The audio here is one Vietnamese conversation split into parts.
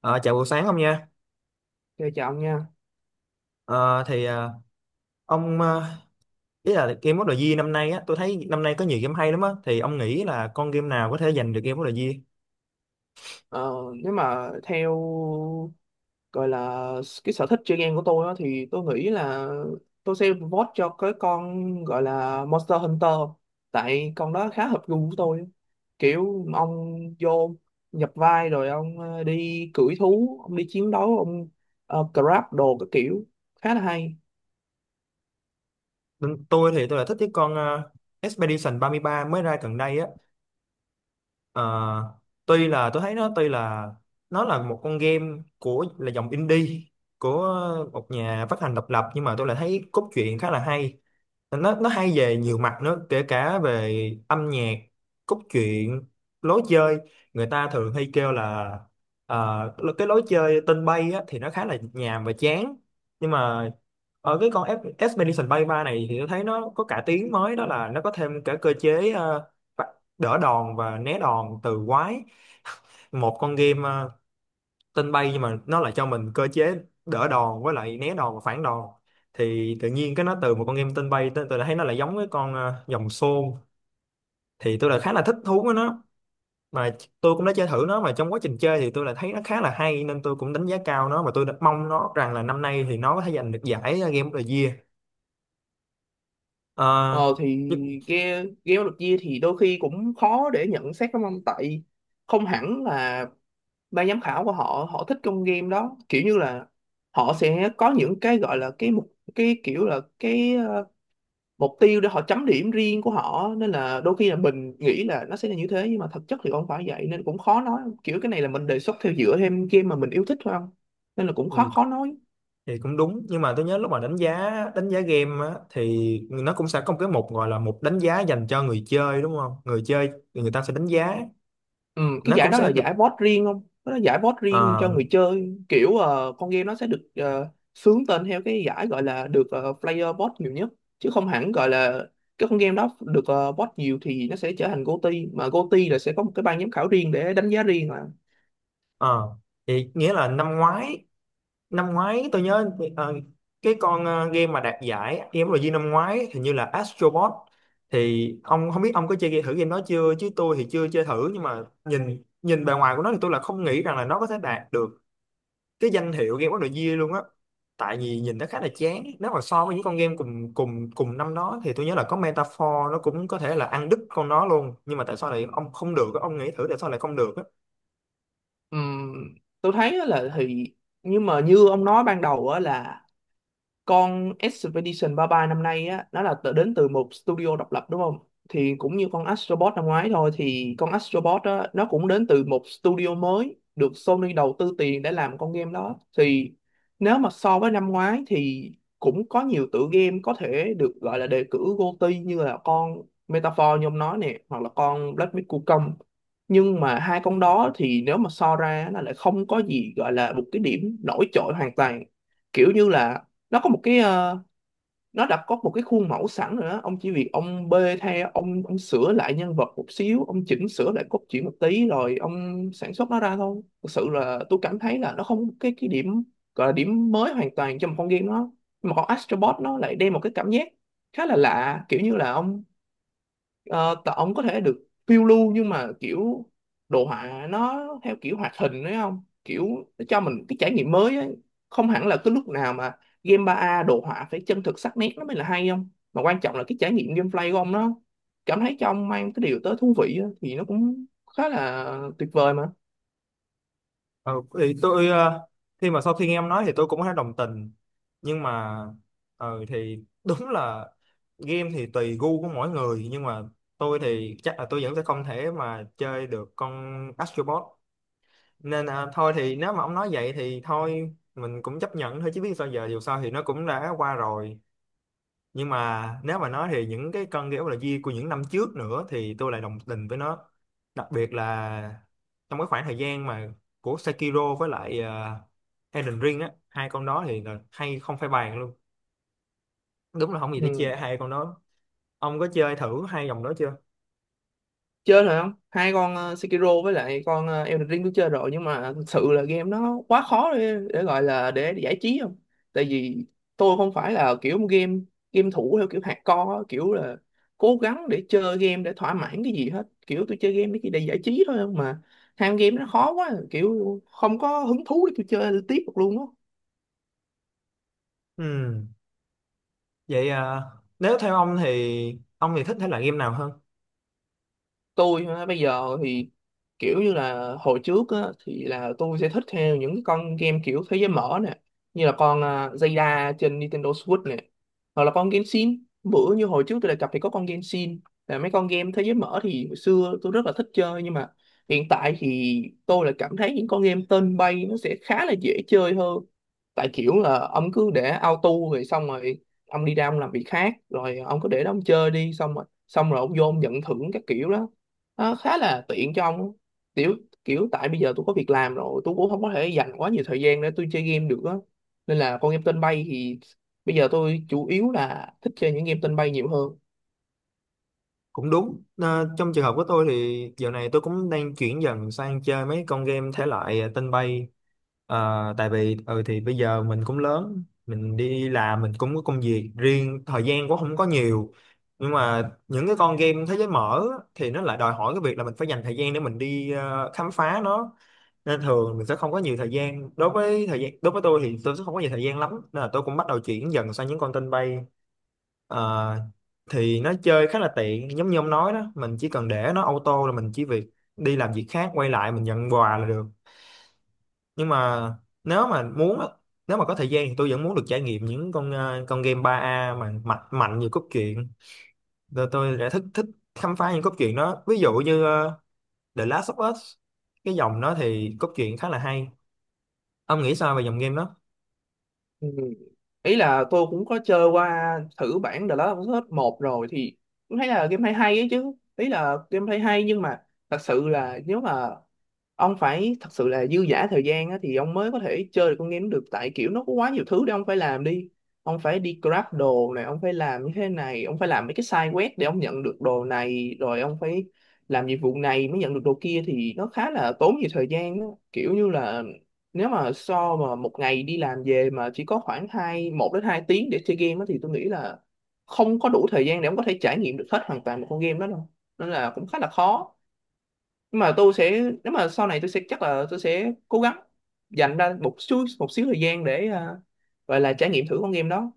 Ờ, Chào buổi sáng ông nha. Chơi chọn nha. Ờ, thì ông ý là Game of the Year năm nay á, tôi thấy năm nay có nhiều game hay lắm á. Thì ông nghĩ là con game nào có thể giành được Game of the Year? Ờ, Nếu mà theo gọi là cái sở thích chơi game của tôi á, thì tôi nghĩ là tôi sẽ vote cho cái con gọi là Monster Hunter, tại con đó khá hợp gu của tôi. Kiểu ông vô nhập vai rồi ông đi cưỡi thú, ông đi chiến đấu ông grab đồ các kiểu, khá là hay. Bên tôi thì tôi là thích cái con Expedition ba mươi ba mới ra gần đây á. Ờ, Tuy là tôi thấy nó tuy là nó là một con game của là dòng indie của một nhà phát hành độc lập, nhưng mà tôi lại thấy cốt truyện khá là hay. Nó hay về nhiều mặt nữa, kể cả về âm nhạc, cốt truyện, lối chơi. Người ta thường hay kêu là cái lối chơi tên bay á, thì nó khá là nhàm và chán, nhưng mà ở cái con Expedition Bay 3 này thì tôi thấy nó có cải tiến mới, đó là nó có thêm cả cơ chế phạt- đỡ đòn và né đòn từ quái. Một con game tên bay nhưng mà nó lại cho mình cơ chế đỡ đòn với lại né đòn và phản đòn, thì tự nhiên cái nó từ một con game tên bay, tôi đã thấy nó lại giống với con dòng xôn, thì tôi lại khá là thích thú với nó. Mà tôi cũng đã chơi thử nó, mà trong quá trình chơi thì tôi lại thấy nó khá là hay, nên tôi cũng đánh giá cao nó và tôi đã mong nó rằng là năm nay thì nó có thể giành được giải Game of the Year. Ờ, Ờ thì nhưng- game game được chia thì đôi khi cũng khó để nhận xét lắm ông, tại không hẳn là ban giám khảo của họ họ thích trong game đó, kiểu như là họ sẽ có những cái gọi là cái mục, cái kiểu là mục tiêu để họ chấm điểm riêng của họ, nên là đôi khi là mình nghĩ là nó sẽ là như thế, nhưng mà thực chất thì không phải vậy. Nên cũng khó nói, kiểu cái này là mình đề xuất theo dựa thêm game mà mình yêu thích thôi không. Nên là cũng thì, khó khó nói. thì cũng đúng, nhưng mà tôi nhớ lúc mà đánh giá game á, thì nó cũng sẽ có một cái mục, gọi là mục đánh giá dành cho người chơi, đúng không? Người chơi thì người ta sẽ đánh giá, Ừ, cái nó giải cũng đó là sẽ được giải vote riêng không? Nó là giải vote riêng ờ, cho người chơi, kiểu con game nó sẽ được xướng tên theo cái giải gọi là được player vote nhiều nhất, chứ không hẳn gọi là cái con game đó được vote nhiều thì nó sẽ trở thành GOTY, mà GOTY là sẽ có một cái ban giám khảo riêng để đánh giá riêng mà. ờ. Thì nghĩa là năm ngoái, tôi nhớ ờ, cái con game mà đạt giải game rồi năm ngoái, hình như là Astro Bot. Thì ông không biết ông có chơi thử game đó chưa, chứ tôi thì chưa chơi thử, nhưng mà nhìn nhìn bề ngoài của nó thì tôi là không nghĩ rằng là nó có thể đạt được cái danh hiệu Game of the Year luôn á. Tại vì nhìn nó khá là chán, nếu mà so với những con game cùng cùng cùng năm đó thì tôi nhớ là có Metaphor, nó cũng có thể là ăn đứt con nó luôn, nhưng mà tại sao lại ông không được á? Ông nghĩ thử tại sao lại không được á? Ừm, tôi thấy á là thì, nhưng mà như ông nói ban đầu á, là con Expedition 33 năm nay á, nó là đến từ một studio độc lập đúng không. Thì cũng như con Astrobot năm ngoái thôi, thì con Astrobot á, nó cũng đến từ một studio mới được Sony đầu tư tiền để làm con game đó. Thì nếu mà so với năm ngoái thì cũng có nhiều tựa game có thể được gọi là đề cử GOTY, như là con Metaphor như ông nói nè, hoặc là con Black Myth Wukong. Nhưng mà hai con đó thì nếu mà so ra nó lại không có gì gọi là một cái điểm nổi trội hoàn toàn. Kiểu như là nó có một cái ờ, nó đã có một cái khuôn mẫu sẵn rồi đó, ông chỉ việc ông bê theo, ông sửa lại nhân vật một xíu, ông chỉnh sửa lại cốt truyện một tí rồi ông sản xuất nó ra thôi. Thực sự là tôi cảm thấy là nó không có cái điểm gọi là điểm mới hoàn toàn trong một con game đó. Nhưng mà con Astrobot nó lại đem một cái cảm giác khá là lạ, kiểu như là ông ông có thể được phiêu lưu, nhưng mà kiểu đồ họa nó theo kiểu hoạt hình đấy không, kiểu nó cho mình cái trải nghiệm mới ấy. Không hẳn là cái lúc nào mà game ba a đồ họa phải chân thực sắc nét nó mới là hay không, mà quan trọng là cái trải nghiệm gameplay của ông, nó cảm thấy cho ông mang cái điều tới thú vị á, thì nó cũng khá là tuyệt vời mà. Ờ, thì tôi khi mà sau khi nghe em nói thì tôi cũng thấy đồng tình, nhưng mà thì đúng là game thì tùy gu của mỗi người, nhưng mà tôi thì chắc là tôi vẫn sẽ không thể mà chơi được con Astro Bot, nên thôi thì nếu mà ông nói vậy thì thôi mình cũng chấp nhận thôi, chứ biết sao giờ, dù sao thì nó cũng đã qua rồi. Nhưng mà nếu mà nói thì những cái cân kiểu là di của những năm trước nữa thì tôi lại đồng tình với nó, đặc biệt là trong cái khoảng thời gian mà của Sekiro với lại Elden Ring á, hai con đó thì là hay không phải bàn luôn, đúng là không gì để chê Ừ. hai con đó. Ông có chơi thử hai dòng đó chưa? Chơi rồi không, hai con Sekiro với lại con Elden Ring tôi chơi rồi, nhưng mà thực sự là game nó quá khó để gọi là để giải trí không. Tại vì tôi không phải là kiểu game game thủ theo kiểu hardcore á, kiểu là cố gắng để chơi game để thỏa mãn cái gì hết, kiểu tôi chơi game để chỉ để giải trí thôi không. Mà ham game nó khó quá, kiểu không có hứng thú để tôi chơi tiếp được luôn á. Ừ. Vậy nếu theo ông thì thích thể loại game nào hơn? Tôi hả, bây giờ thì kiểu như là hồi trước á, thì là tôi sẽ thích theo những cái con game kiểu thế giới mở nè, như là con à, Zelda trên Nintendo Switch nè, hoặc là con Genshin. Bữa như hồi trước tôi đề cập thì có con Genshin, là mấy con game thế giới mở thì hồi xưa tôi rất là thích chơi. Nhưng mà hiện tại thì tôi là cảm thấy những con game tên bay nó sẽ khá là dễ chơi hơn. Tại kiểu là ông cứ để auto rồi xong rồi ông đi ra ông làm việc khác, rồi ông cứ để đó ông chơi đi, xong rồi ông vô ông nhận thưởng các kiểu đó, nó khá là tiện cho ông á. Kiểu Kiểu tại bây giờ tôi có việc làm rồi, tôi cũng không có thể dành quá nhiều thời gian để tôi chơi game được á. Nên là con game tên bay thì bây giờ tôi chủ yếu là thích chơi những game tên bay nhiều hơn. Cũng đúng. Ờ, Trong trường hợp của tôi thì giờ này tôi cũng đang chuyển dần sang chơi mấy con game thể loại tên bay. Tại vì ừ thì bây giờ mình cũng lớn, mình đi làm, mình cũng có công việc riêng, thời gian cũng không có nhiều, nhưng mà những cái con game thế giới mở á, thì nó lại đòi hỏi cái việc là mình phải dành thời gian để mình đi khám phá nó. Nên thường mình sẽ không có nhiều thời gian, đối với thời gian đối với tôi thì tôi sẽ không có nhiều thời gian lắm, nên là tôi cũng bắt đầu chuyển dần sang những con tên bay. Ờ, thì nó chơi khá là tiện giống như ông nói đó, mình chỉ cần để nó auto là mình chỉ việc đi làm việc khác, quay lại mình nhận quà là được. Nhưng mà nếu mà muốn á, nếu mà có thời gian thì tôi vẫn muốn được trải nghiệm những con con game 3A mà mạnh mạnh nhiều cốt truyện, rồi tôi đã thích thích khám phá những cốt truyện đó, ví dụ như The Last of Us. Cái dòng đó thì cốt truyện khá là hay. Ông nghĩ sao về dòng game đó? Ừ. Ý là tôi cũng có chơi qua thử bản The Last of Us một rồi, thì cũng thấy là game hay hay ấy chứ, ý là game hay hay. Nhưng mà thật sự là nếu mà ông phải thật sự là dư dả thời gian á, thì ông mới có thể chơi được con game được. Tại kiểu nó có quá nhiều thứ để ông phải làm, ông phải đi grab đồ này, ông phải làm như thế này, ông phải làm mấy cái side quest để ông nhận được đồ này, rồi ông phải làm nhiệm vụ này mới nhận được đồ kia, thì nó khá là tốn nhiều thời gian á. Kiểu như là nếu mà so mà một ngày đi làm về mà chỉ có khoảng một đến hai tiếng để chơi game á, thì tôi nghĩ là không có đủ thời gian để ông có thể trải nghiệm được hết hoàn toàn một con game đó đâu. Nên là cũng khá là khó. Nhưng mà tôi sẽ nếu mà sau này tôi sẽ chắc là tôi sẽ cố gắng dành ra một xíu thời gian để gọi là trải nghiệm thử con game đó.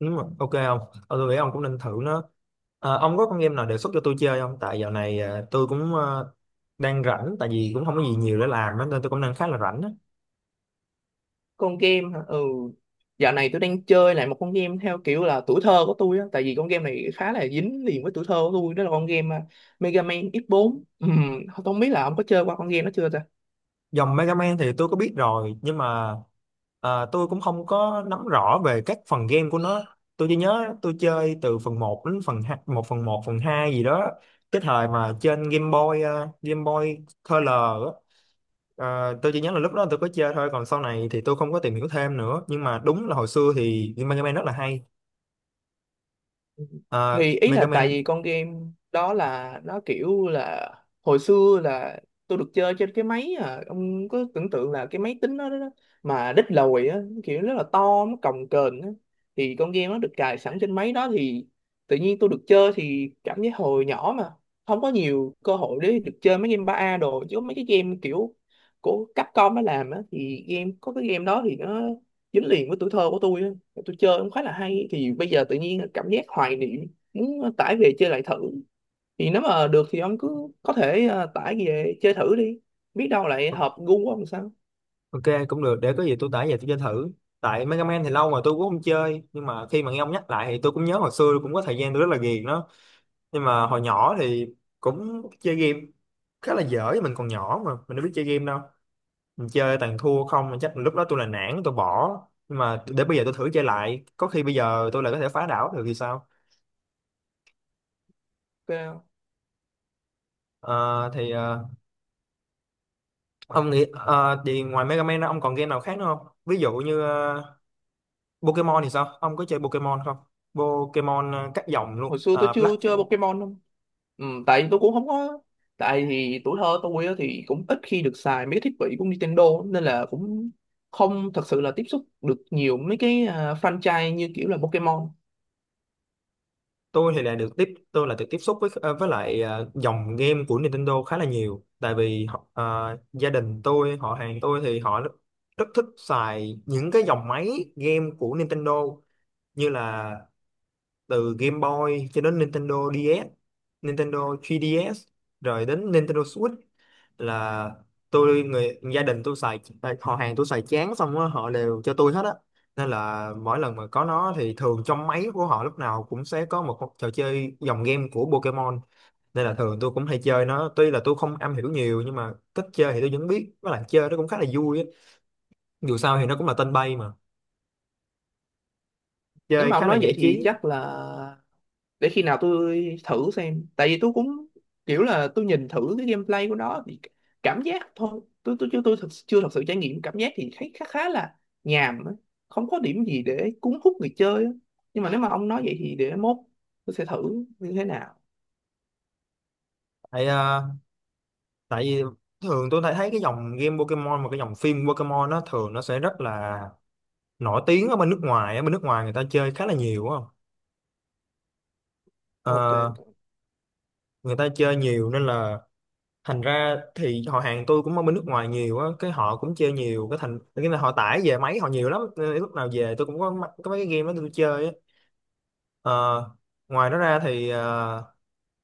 Đúng rồi. Ok không? Tôi nghĩ ông cũng nên thử nó. À, ông có con game nào đề xuất cho tôi chơi không? Tại dạo này à, tôi cũng đang rảnh, tại vì cũng không có gì nhiều để làm á, nên tôi cũng đang khá là rảnh á. Con game hả? Ừ, dạo này tôi đang chơi lại một con game theo kiểu là tuổi thơ của tôi á, tại vì con game này khá là dính liền với tuổi thơ của tôi. Đó là con game à, Mega Man X4. Không biết là ông có chơi qua con game đó chưa ta. Dòng Mega Man thì tôi có biết rồi, nhưng mà tôi cũng không có nắm rõ về các phần game của nó. Tôi chỉ nhớ tôi chơi từ phần một đến phần 2, 1 phần một phần 2 gì đó. Cái thời mà trên Game Boy, Game Boy Color á. Tôi chỉ nhớ là lúc đó tôi có chơi thôi, còn sau này thì tôi không có tìm hiểu thêm nữa, nhưng mà đúng là hồi xưa thì Mega Man rất là hay. Ờ, Thì ý là Mega tại Man. vì con game đó là nó kiểu là hồi xưa là tôi được chơi trên cái máy, à ông có tưởng tượng là cái máy tính đó, mà đít lồi á, kiểu rất là to, nó cồng kềnh á. Thì con game nó được cài sẵn trên máy đó, thì tự nhiên tôi được chơi thì cảm giác hồi nhỏ mà không có nhiều cơ hội để được chơi mấy game ba a đồ, chứ mấy cái game kiểu của Capcom nó làm á, thì game có cái game đó thì nó dính liền với tuổi thơ của tôi á. Tôi chơi cũng khá là hay, thì bây giờ tự nhiên cảm giác hoài niệm muốn tải về chơi lại thử. Thì nếu mà được thì ông cứ có thể tải về chơi thử đi, biết đâu lại Ok. hợp gu của ông sao. Ok, cũng được, để có gì tôi tải về tôi chơi thử. Tại Mega Man thì lâu rồi tôi cũng không chơi, nhưng mà khi mà nghe ông nhắc lại thì tôi cũng nhớ hồi xưa cũng có thời gian tôi rất là ghiền nó. Nhưng mà hồi nhỏ thì cũng chơi game khá là dở, mình còn nhỏ mà mình đâu biết chơi game đâu, mình chơi toàn thua không, mà chắc lúc đó tôi là nản tôi bỏ. Nhưng mà để bây giờ tôi thử chơi lại, có khi bây giờ tôi lại có thể phá đảo được thì sao? Ok không? Ờ, thì ờ, Ông nghĩ thì ngoài Mega Man ra, ông còn game nào khác nữa không? Ví dụ như Pokemon thì sao? Ông có chơi Pokemon không? Pokemon các dòng luôn. Hồi xưa tôi Ờ, chưa Black. chơi Pokemon không. Ừ, tại vì tôi cũng không có, tại thì tuổi thơ tôi á thì cũng ít khi được xài mấy cái thiết bị của Nintendo, nên là cũng không thật sự là tiếp xúc được nhiều mấy cái franchise như kiểu là Pokemon. Tôi là được tiếp xúc với dòng game của Nintendo khá là nhiều, tại vì gia đình tôi, họ hàng tôi thì họ rất, rất thích xài những cái dòng máy game của Nintendo, như là từ Game Boy cho đến Nintendo DS, Nintendo 3DS, rồi đến Nintendo Switch là tôi, người gia đình tôi xài à, họ hàng tôi xài chán xong á họ đều cho tôi hết á. Nên là mỗi lần mà có nó thì thường trong máy của họ lúc nào cũng sẽ có một trò chơi dòng game của Pokemon, nên là thường tôi cũng hay chơi nó, tuy là tôi không am hiểu nhiều nhưng mà cách chơi thì tôi vẫn biết, với lại chơi nó cũng khá là vui á, dù sao thì nó cũng là tên bay mà, Nếu chơi mà ông khá là nói vậy giải thì trí. chắc là để khi nào tôi thử xem. Tại vì tôi cũng kiểu là tôi nhìn thử cái gameplay của nó thì cảm giác thôi, tôi chưa chưa thật sự trải nghiệm cảm giác, thì thấy khá khá là nhàm á, không có điểm gì để cuốn hút người chơi á. Nhưng mà nếu mà ông nói vậy thì để mốt tôi sẽ thử như thế nào. tại à, Tại vì thường tôi thấy thấy cái dòng game Pokemon và cái dòng phim Pokemon, nó thường nó sẽ rất là nổi tiếng ở bên nước ngoài, ở bên nước ngoài người ta chơi khá là nhiều á. Ok. Ờ, Người ta chơi nhiều, nên là thành ra thì họ hàng tôi cũng ở bên nước ngoài nhiều á, cái họ cũng chơi nhiều, cái thành cái là họ tải về máy họ nhiều lắm, nên lúc nào về tôi cũng có có mấy cái game đó tôi chơi á. Ờ, Ngoài đó ra thì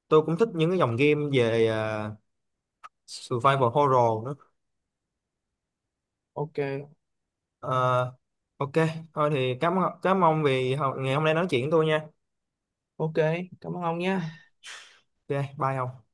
tôi cũng thích những cái dòng game về survival horror nữa. Ok. Ờ, ok. Thôi thì cảm cảm ơn vì ngày hôm nay nói chuyện với tôi nha. Ok, cảm ơn ông nha. Ok bye ông.